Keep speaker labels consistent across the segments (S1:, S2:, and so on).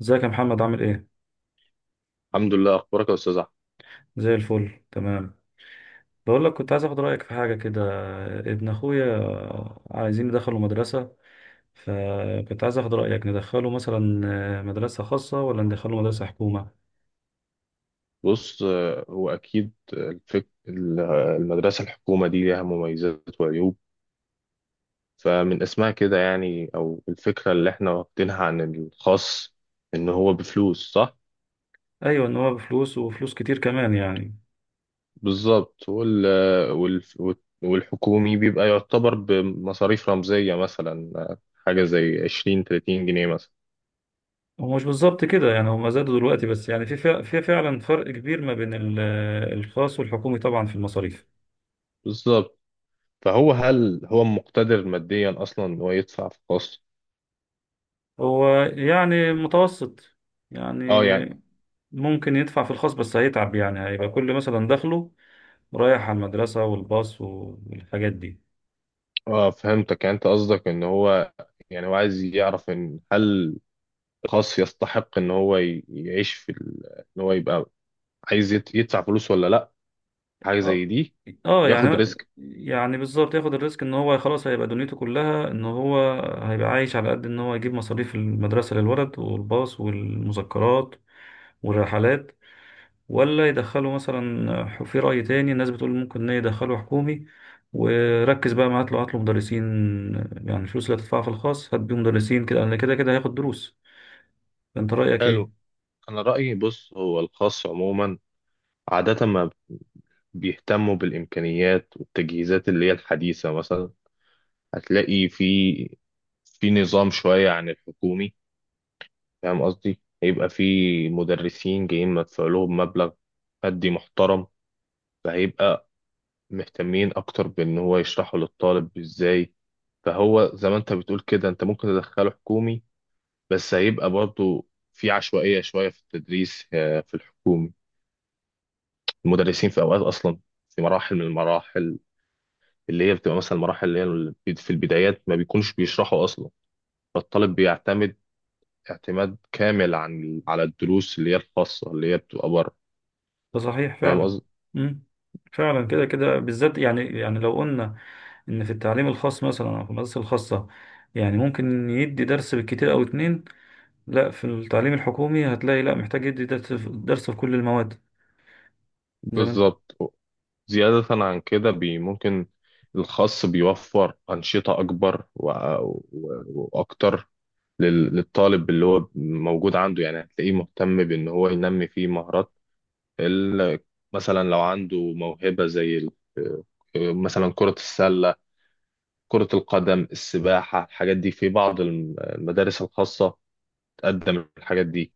S1: ازيك يا محمد عامل ايه؟
S2: الحمد لله، اخبارك يا استاذ احمد.
S1: زي الفل، تمام. بقول لك، كنت عايز اخد رايك في حاجه كده. ابن اخويا عايزين ندخله مدرسه، فكنت عايز اخد رايك، ندخله مثلا مدرسه خاصه ولا ندخله مدرسه حكومه؟
S2: بص، هو اكيد المدرسه الحكومه دي ليها مميزات وعيوب. فمن اسمها كده يعني او الفكره اللي احنا واخدينها عن الخاص ان هو بفلوس، صح.
S1: ايوه، ان هو بفلوس وفلوس كتير كمان يعني.
S2: بالظبط. وال... والحكومي بيبقى يعتبر بمصاريف رمزيه، مثلا حاجه زي 20 30 جنيه مثلا.
S1: هو مش بالظبط كده يعني، هما زادوا دلوقتي، بس يعني في فعلا فرق كبير ما بين الخاص والحكومي طبعا في المصاريف.
S2: بالظبط. فهو هل هو مقتدر ماديا اصلا ان هو يدفع في خاص؟
S1: هو يعني متوسط، يعني
S2: اه يعني.
S1: ممكن يدفع في الخاص بس هيتعب، يعني هيبقى كل مثلا دخله رايح على المدرسة والباص والحاجات دي.
S2: اه، فهمتك. يعني انت قصدك ان هو، يعني هو عايز يعرف ان هل الخاص يستحق ان هو يعيش في ان هو يبقى عايز يدفع فلوس ولا لا، حاجه زي
S1: اه،
S2: دي.
S1: اه،
S2: ياخد
S1: يعني
S2: ريسك.
S1: يعني بالظبط، ياخد الريسك، ان هو خلاص هيبقى دنيته كلها، ان هو هيبقى عايش على قد ان هو يجيب مصاريف المدرسة للولد والباص والمذكرات والرحلات. ولا يدخله مثلا، في رأي تاني الناس بتقول ممكن ان يدخله حكومي، وركز بقى معاه، هات له مدرسين. يعني الفلوس اللي هتدفعها في الخاص هات بيه مدرسين كده، لأن كده كده هياخد دروس. فانت رأيك
S2: حلو.
S1: ايه؟
S2: انا رايي، بص، هو الخاص عموما عاده ما بيهتموا بالامكانيات والتجهيزات اللي هي الحديثه مثلا. هتلاقي في في نظام شويه عن الحكومي. فاهم قصدي؟ هيبقى في مدرسين جايين مدفوع لهم مبلغ مادي محترم، فهيبقى مهتمين اكتر بان هو يشرحه للطالب ازاي. فهو زي ما انت بتقول كده، انت ممكن تدخله حكومي بس هيبقى برضو في عشوائية شوية في التدريس، في الحكومي المدرسين في اوقات اصلا في مراحل من المراحل اللي هي بتبقى مثلا المراحل اللي هي في البدايات ما بيكونش بيشرحوا اصلا. فالطالب بيعتمد اعتماد كامل عن على الدروس اللي هي الخاصة اللي هي بتبقى بره.
S1: ده صحيح
S2: فاهم
S1: فعلا.
S2: قصدي؟
S1: مم. فعلا كده كده بالذات، يعني لو قلنا ان في التعليم الخاص مثلا، او في المدارس الخاصه، يعني ممكن يدي درس بالكتير او اتنين. لا، في التعليم الحكومي هتلاقي، لا، محتاج يدي درس في درس في كل المواد. زي ما انت-
S2: بالظبط. زيادة عن كده، بي ممكن الخاص بيوفر أنشطة أكبر و... وأكتر للطالب اللي هو موجود عنده. يعني هتلاقيه مهتم بإن هو ينمي فيه مهارات ال... مثلا لو عنده موهبة زي مثلا كرة السلة، كرة القدم، السباحة، الحاجات دي في بعض المدارس الخاصة تقدم الحاجات دي.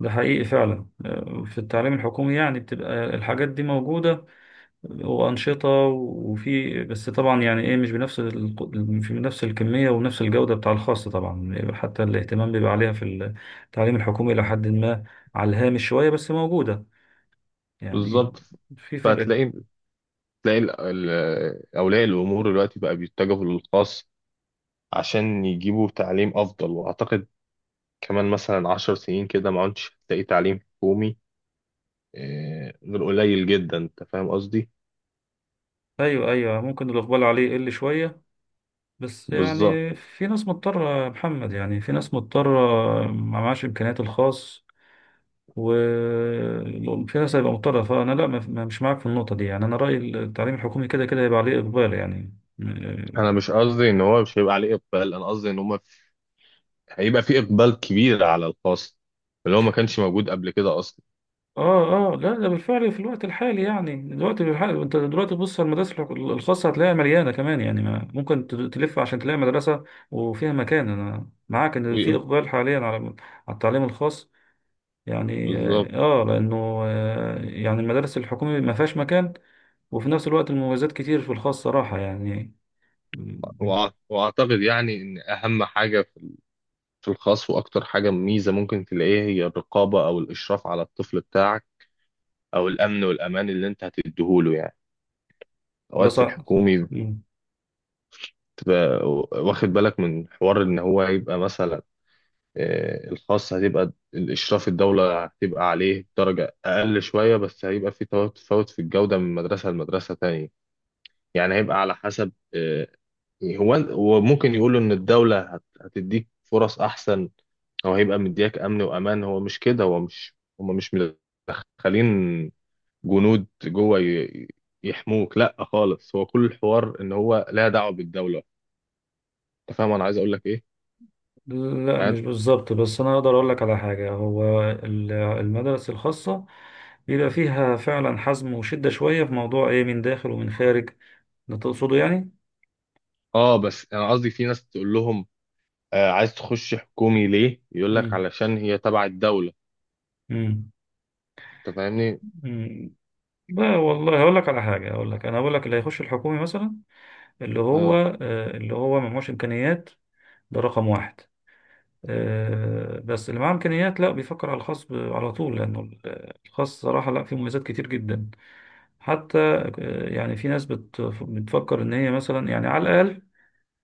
S1: ده حقيقي فعلا. في التعليم الحكومي يعني بتبقى الحاجات دي موجوده، وأنشطة، وفي، بس طبعا يعني إيه، مش بنفس في نفس الكمية ونفس الجودة بتاع الخاص طبعا. حتى الاهتمام بيبقى عليها في التعليم الحكومي إلى حد ما، على الهامش شوية، بس موجودة يعني.
S2: بالظبط.
S1: في فرق.
S2: فهتلاقي تلاقي أولياء الأمور دلوقتي بقى بيتجهوا للخاص عشان يجيبوا تعليم أفضل. وأعتقد كمان مثلا 10 سنين كده ما عدتش هتلاقي تعليم حكومي، غير قليل جدا. أنت فاهم قصدي؟
S1: أيوه، أيوه، ممكن الإقبال عليه يقل شوية، بس
S2: بالظبط.
S1: يعني في ناس مضطرة يا محمد، يعني في ناس مضطرة ما معهاش إمكانيات الخاص والقياس، هيبقى مضطرة. فأنا، لا، مش معاك في النقطة دي، يعني أنا رأيي التعليم الحكومي كده كده هيبقى عليه إقبال يعني.
S2: أنا مش قصدي إن هو مش هيبقى عليه إقبال، أنا قصدي إن هما هيبقى في إقبال كبير على الخاص اللي هو ما كانش موجود قبل كده أصلا.
S1: آه، آه، لا، ده بالفعل في الوقت الحالي، يعني دلوقتي بالحالي أنت دلوقتي بص على المدارس الخاصة هتلاقيها مليانة، كمان يعني ما ممكن تلف عشان تلاقي مدرسة وفيها مكان. أنا معاك إن في
S2: ويق-
S1: إقبال حاليا على التعليم الخاص يعني.
S2: بالظبط.
S1: آه، آه، لأنه يعني المدارس الحكومية ما فيهاش مكان، وفي نفس الوقت المميزات كتير في الخاص صراحة يعني.
S2: وأعتقد يعني إن أهم حاجة في في الخاص وأكتر حاجة ميزة ممكن تلاقيها هي الرقابة أو الإشراف على الطفل بتاعك، أو الأمن والأمان اللي أنت هتديهوله يعني.
S1: ده
S2: اوقات في
S1: صح.
S2: الحكومي
S1: مم.
S2: تبقى واخد بالك من حوار ان هو يبقى مثلا، الخاص هتبقى الاشراف الدوله هتبقى عليه درجه اقل شويه، بس هيبقى في تفاوت في الجوده من مدرسه لمدرسه تانية. يعني هيبقى على حسب، هو ممكن يقولوا ان الدوله هتديك فرص احسن، او هيبقى مدياك امن وامان. هو مش كده، هو مش هم مش مدخلين جنود جوه يحموك، لا خالص. هو كل الحوار ان هو لا دعوه بالدوله. انت فاهم انا عايز اقول لك ايه
S1: لا،
S2: يعني؟
S1: مش بالظبط، بس انا اقدر اقول لك على حاجه. هو المدارس الخاصه بيبقى فيها فعلا حزم وشده شويه في موضوع ايه، من داخل ومن خارج، ده تقصده يعني.
S2: اه، بس انا قصدي في ناس تقول لهم، آه، عايز تخش حكومي ليه، يقول لك
S1: مم.
S2: علشان هي تبع الدولة.
S1: مم.
S2: انت فاهمني؟
S1: مم. لا والله، هقول لك على حاجه، هقول لك انا هقول لك اللي هيخش الحكومي مثلا، اللي هو،
S2: اه
S1: اللي هو ما معهوش امكانيات، ده رقم واحد. بس اللي معاه امكانيات، لا، بيفكر على الخاص على طول، لانه الخاص صراحه، لا، فيه مميزات كتير جدا، حتى يعني في ناس بتفكر ان هي مثلا، يعني على الاقل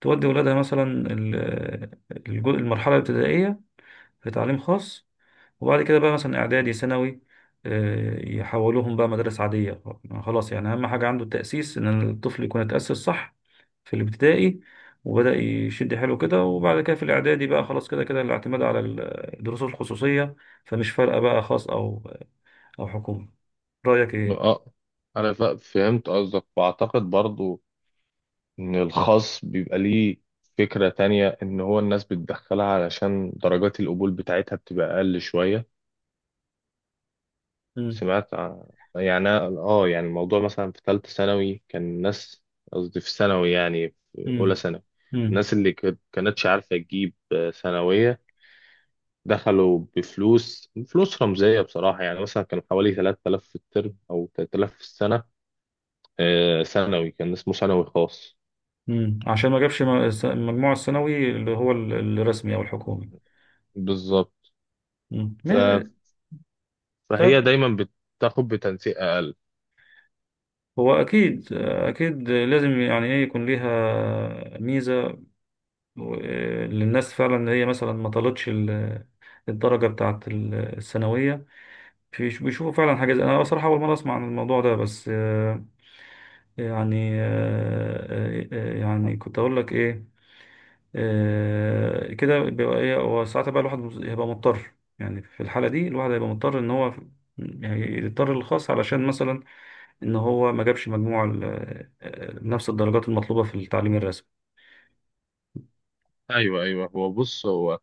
S1: تودي ولادها مثلا، المرحله الابتدائيه في تعليم خاص، وبعد كده بقى مثلا اعدادي ثانوي، يحولوهم بقى مدارس عاديه. خلاص يعني، اهم حاجه عنده التاسيس، ان الطفل يكون اتاسس صح في الابتدائي، وبدا يشد حيله كده. وبعد كده في الاعدادي بقى خلاص، كده كده الاعتماد على الدروس الخصوصيه. فمش فارقه بقى خاص او حكومه. رايك ايه؟
S2: اه. انا فهمت قصدك واعتقد برضو ان الخاص بيبقى ليه فكرة تانية، ان هو الناس بتدخلها علشان درجات القبول بتاعتها بتبقى اقل شوية.
S1: امم.
S2: سمعت عن. يعني أنا، اه، يعني الموضوع مثلا في ثالثة ثانوي كان الناس، قصدي في ثانوي، يعني في اولى ثانوي
S1: امم.
S2: الناس اللي كانتش عارفة تجيب ثانوية دخلوا بفلوس، فلوس رمزية بصراحة. يعني مثلا كان حوالي 3000 في الترم أو 3000 في السنة. ثانوي كان اسمه ثانوي خاص.
S1: مم. عشان ما جابش المجموع الثانوي، اللي هو الرسمي او الحكومي.
S2: بالظبط.
S1: مم.
S2: ف-
S1: طب،
S2: فهي دايما بتاخد بتنسيق أقل.
S1: هو اكيد اكيد لازم يعني ايه، يكون ليها ميزة و- للناس، فعلا ان هي مثلا ما طالتش الدرجة بتاعت الثانوية، بيشوفوا فعلا حاجة زي. انا بصراحة اول مرة اسمع عن الموضوع ده، بس يعني آه، يعني كنت اقول لك ايه؟ كده بيبقى ايه، هو ساعتها بقى الواحد هيبقى مضطر، يعني في الحالة دي الواحد هيبقى مضطر ان هو يعني يضطر للخاص، علشان مثلا ان هو ما جابش مجموع نفس الدرجات المطلوبة في التعليم الرسمي.
S2: أيوه أيوه. هو بص، هو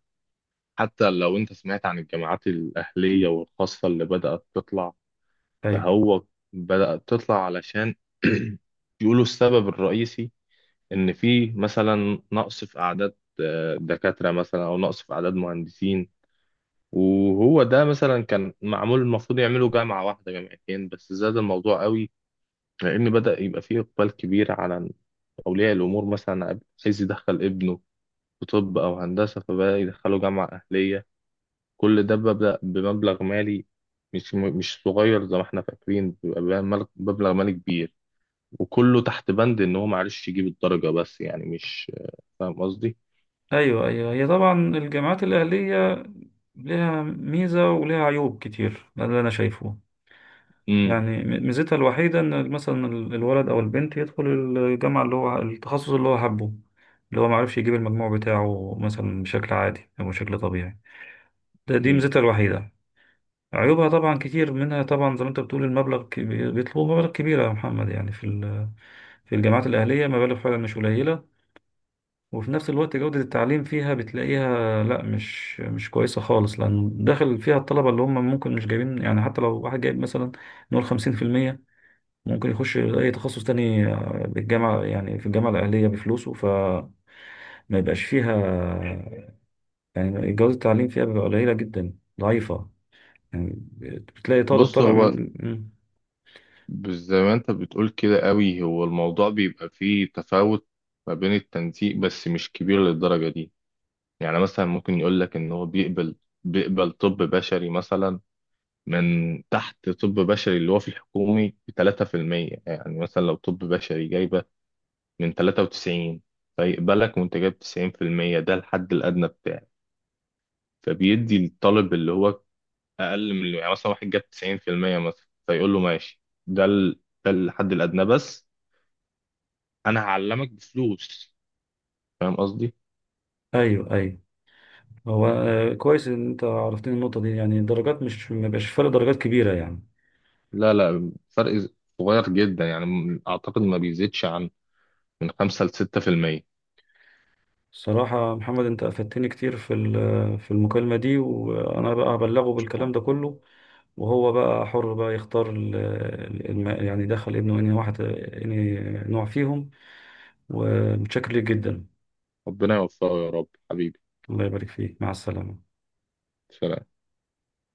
S2: حتى لو أنت سمعت عن الجامعات الأهلية والخاصة اللي بدأت تطلع،
S1: ايوه،
S2: فهو بدأت تطلع علشان يقولوا السبب الرئيسي إن في مثلا نقص في أعداد، دكاترة مثلا، أو نقص في أعداد مهندسين. وهو ده مثلا كان معمول المفروض يعملوا جامعة واحدة جامعتين، بس زاد الموضوع قوي لأن بدأ يبقى فيه إقبال كبير على أولياء الأمور. مثلا عايز يدخل ابنه في طب أو هندسة، فبدأ يدخله جامعة أهلية. كل ده ببدأ بمبلغ مالي مش صغير زي ما احنا فاكرين، بيبقى بمبلغ مالي كبير، وكله تحت بند إن هو معرفش يجيب الدرجة، بس يعني مش فاهم قصدي؟
S1: ايوه، ايوه، هي طبعا الجامعات الأهلية لها ميزة ولها عيوب كتير، ده اللي انا شايفه.
S2: امم.
S1: يعني ميزتها الوحيدة إن مثلا الولد أو البنت يدخل الجامعة، اللي هو التخصص اللي هو حبه، اللي هو معرفش يجيب المجموع بتاعه مثلا بشكل عادي أو بشكل طبيعي. دي
S2: امم.
S1: ميزتها الوحيدة. عيوبها طبعا كتير، منها طبعا، زي ما أنت بتقول، المبلغ بيطلبوا مبالغ كبيرة يا محمد، يعني في الجامعات الأهلية مبالغ فعلا مش قليلة. وفي نفس الوقت جودة التعليم فيها بتلاقيها، لا، مش كويسة خالص، لأن داخل فيها الطلبة اللي هم ممكن مش جايبين، يعني حتى لو واحد جايب مثلا، نقول 50%، ممكن يخش اي تخصص تاني بالجامعة، يعني في الجامعة الأهلية بفلوسه، ما يبقاش فيها، يعني جودة التعليم فيها بيبقى قليلة جدا، ضعيفة يعني. بتلاقي طالب
S2: بص
S1: طالع
S2: هو،
S1: من. مم.
S2: بس زي ما انت بتقول كده قوي، هو الموضوع بيبقى فيه تفاوت ما بين التنسيق بس مش كبير للدرجة دي. يعني مثلا ممكن يقول لك ان هو بيقبل طب بشري مثلا من تحت طب بشري اللي هو في الحكومي ب 3%. يعني مثلا لو طب بشري جايبة من 93 فيقبلك وانت جايب 90%، ده الحد الأدنى بتاعه. فبيدي الطالب اللي هو أقل من، يعني مثلا واحد جاب 90% مثلا، فيقول له ماشي، ده الحد الأدنى بس انا هعلمك بفلوس. فاهم قصدي؟
S1: أيوه، أيوه، هو كويس إن أنت عرفتني النقطة دي، يعني الدرجات، مش ما بيبقاش فرق درجات كبيرة يعني.
S2: لا، لا، فرق صغير جدا. يعني اعتقد ما بيزيدش عن من 5 ل 6%.
S1: صراحة محمد، أنت أفدتني كتير في المكالمة دي، وأنا بقى هبلغه بالكلام ده كله، وهو بقى حر بقى يختار يعني دخل ابنه أنهي واحد، أنهي نوع فيهم. ومتشكر ليك جدا.
S2: ربنا يوفقه يا رب حبيبي.
S1: الله يبارك فيك، مع السلامة.
S2: سلام.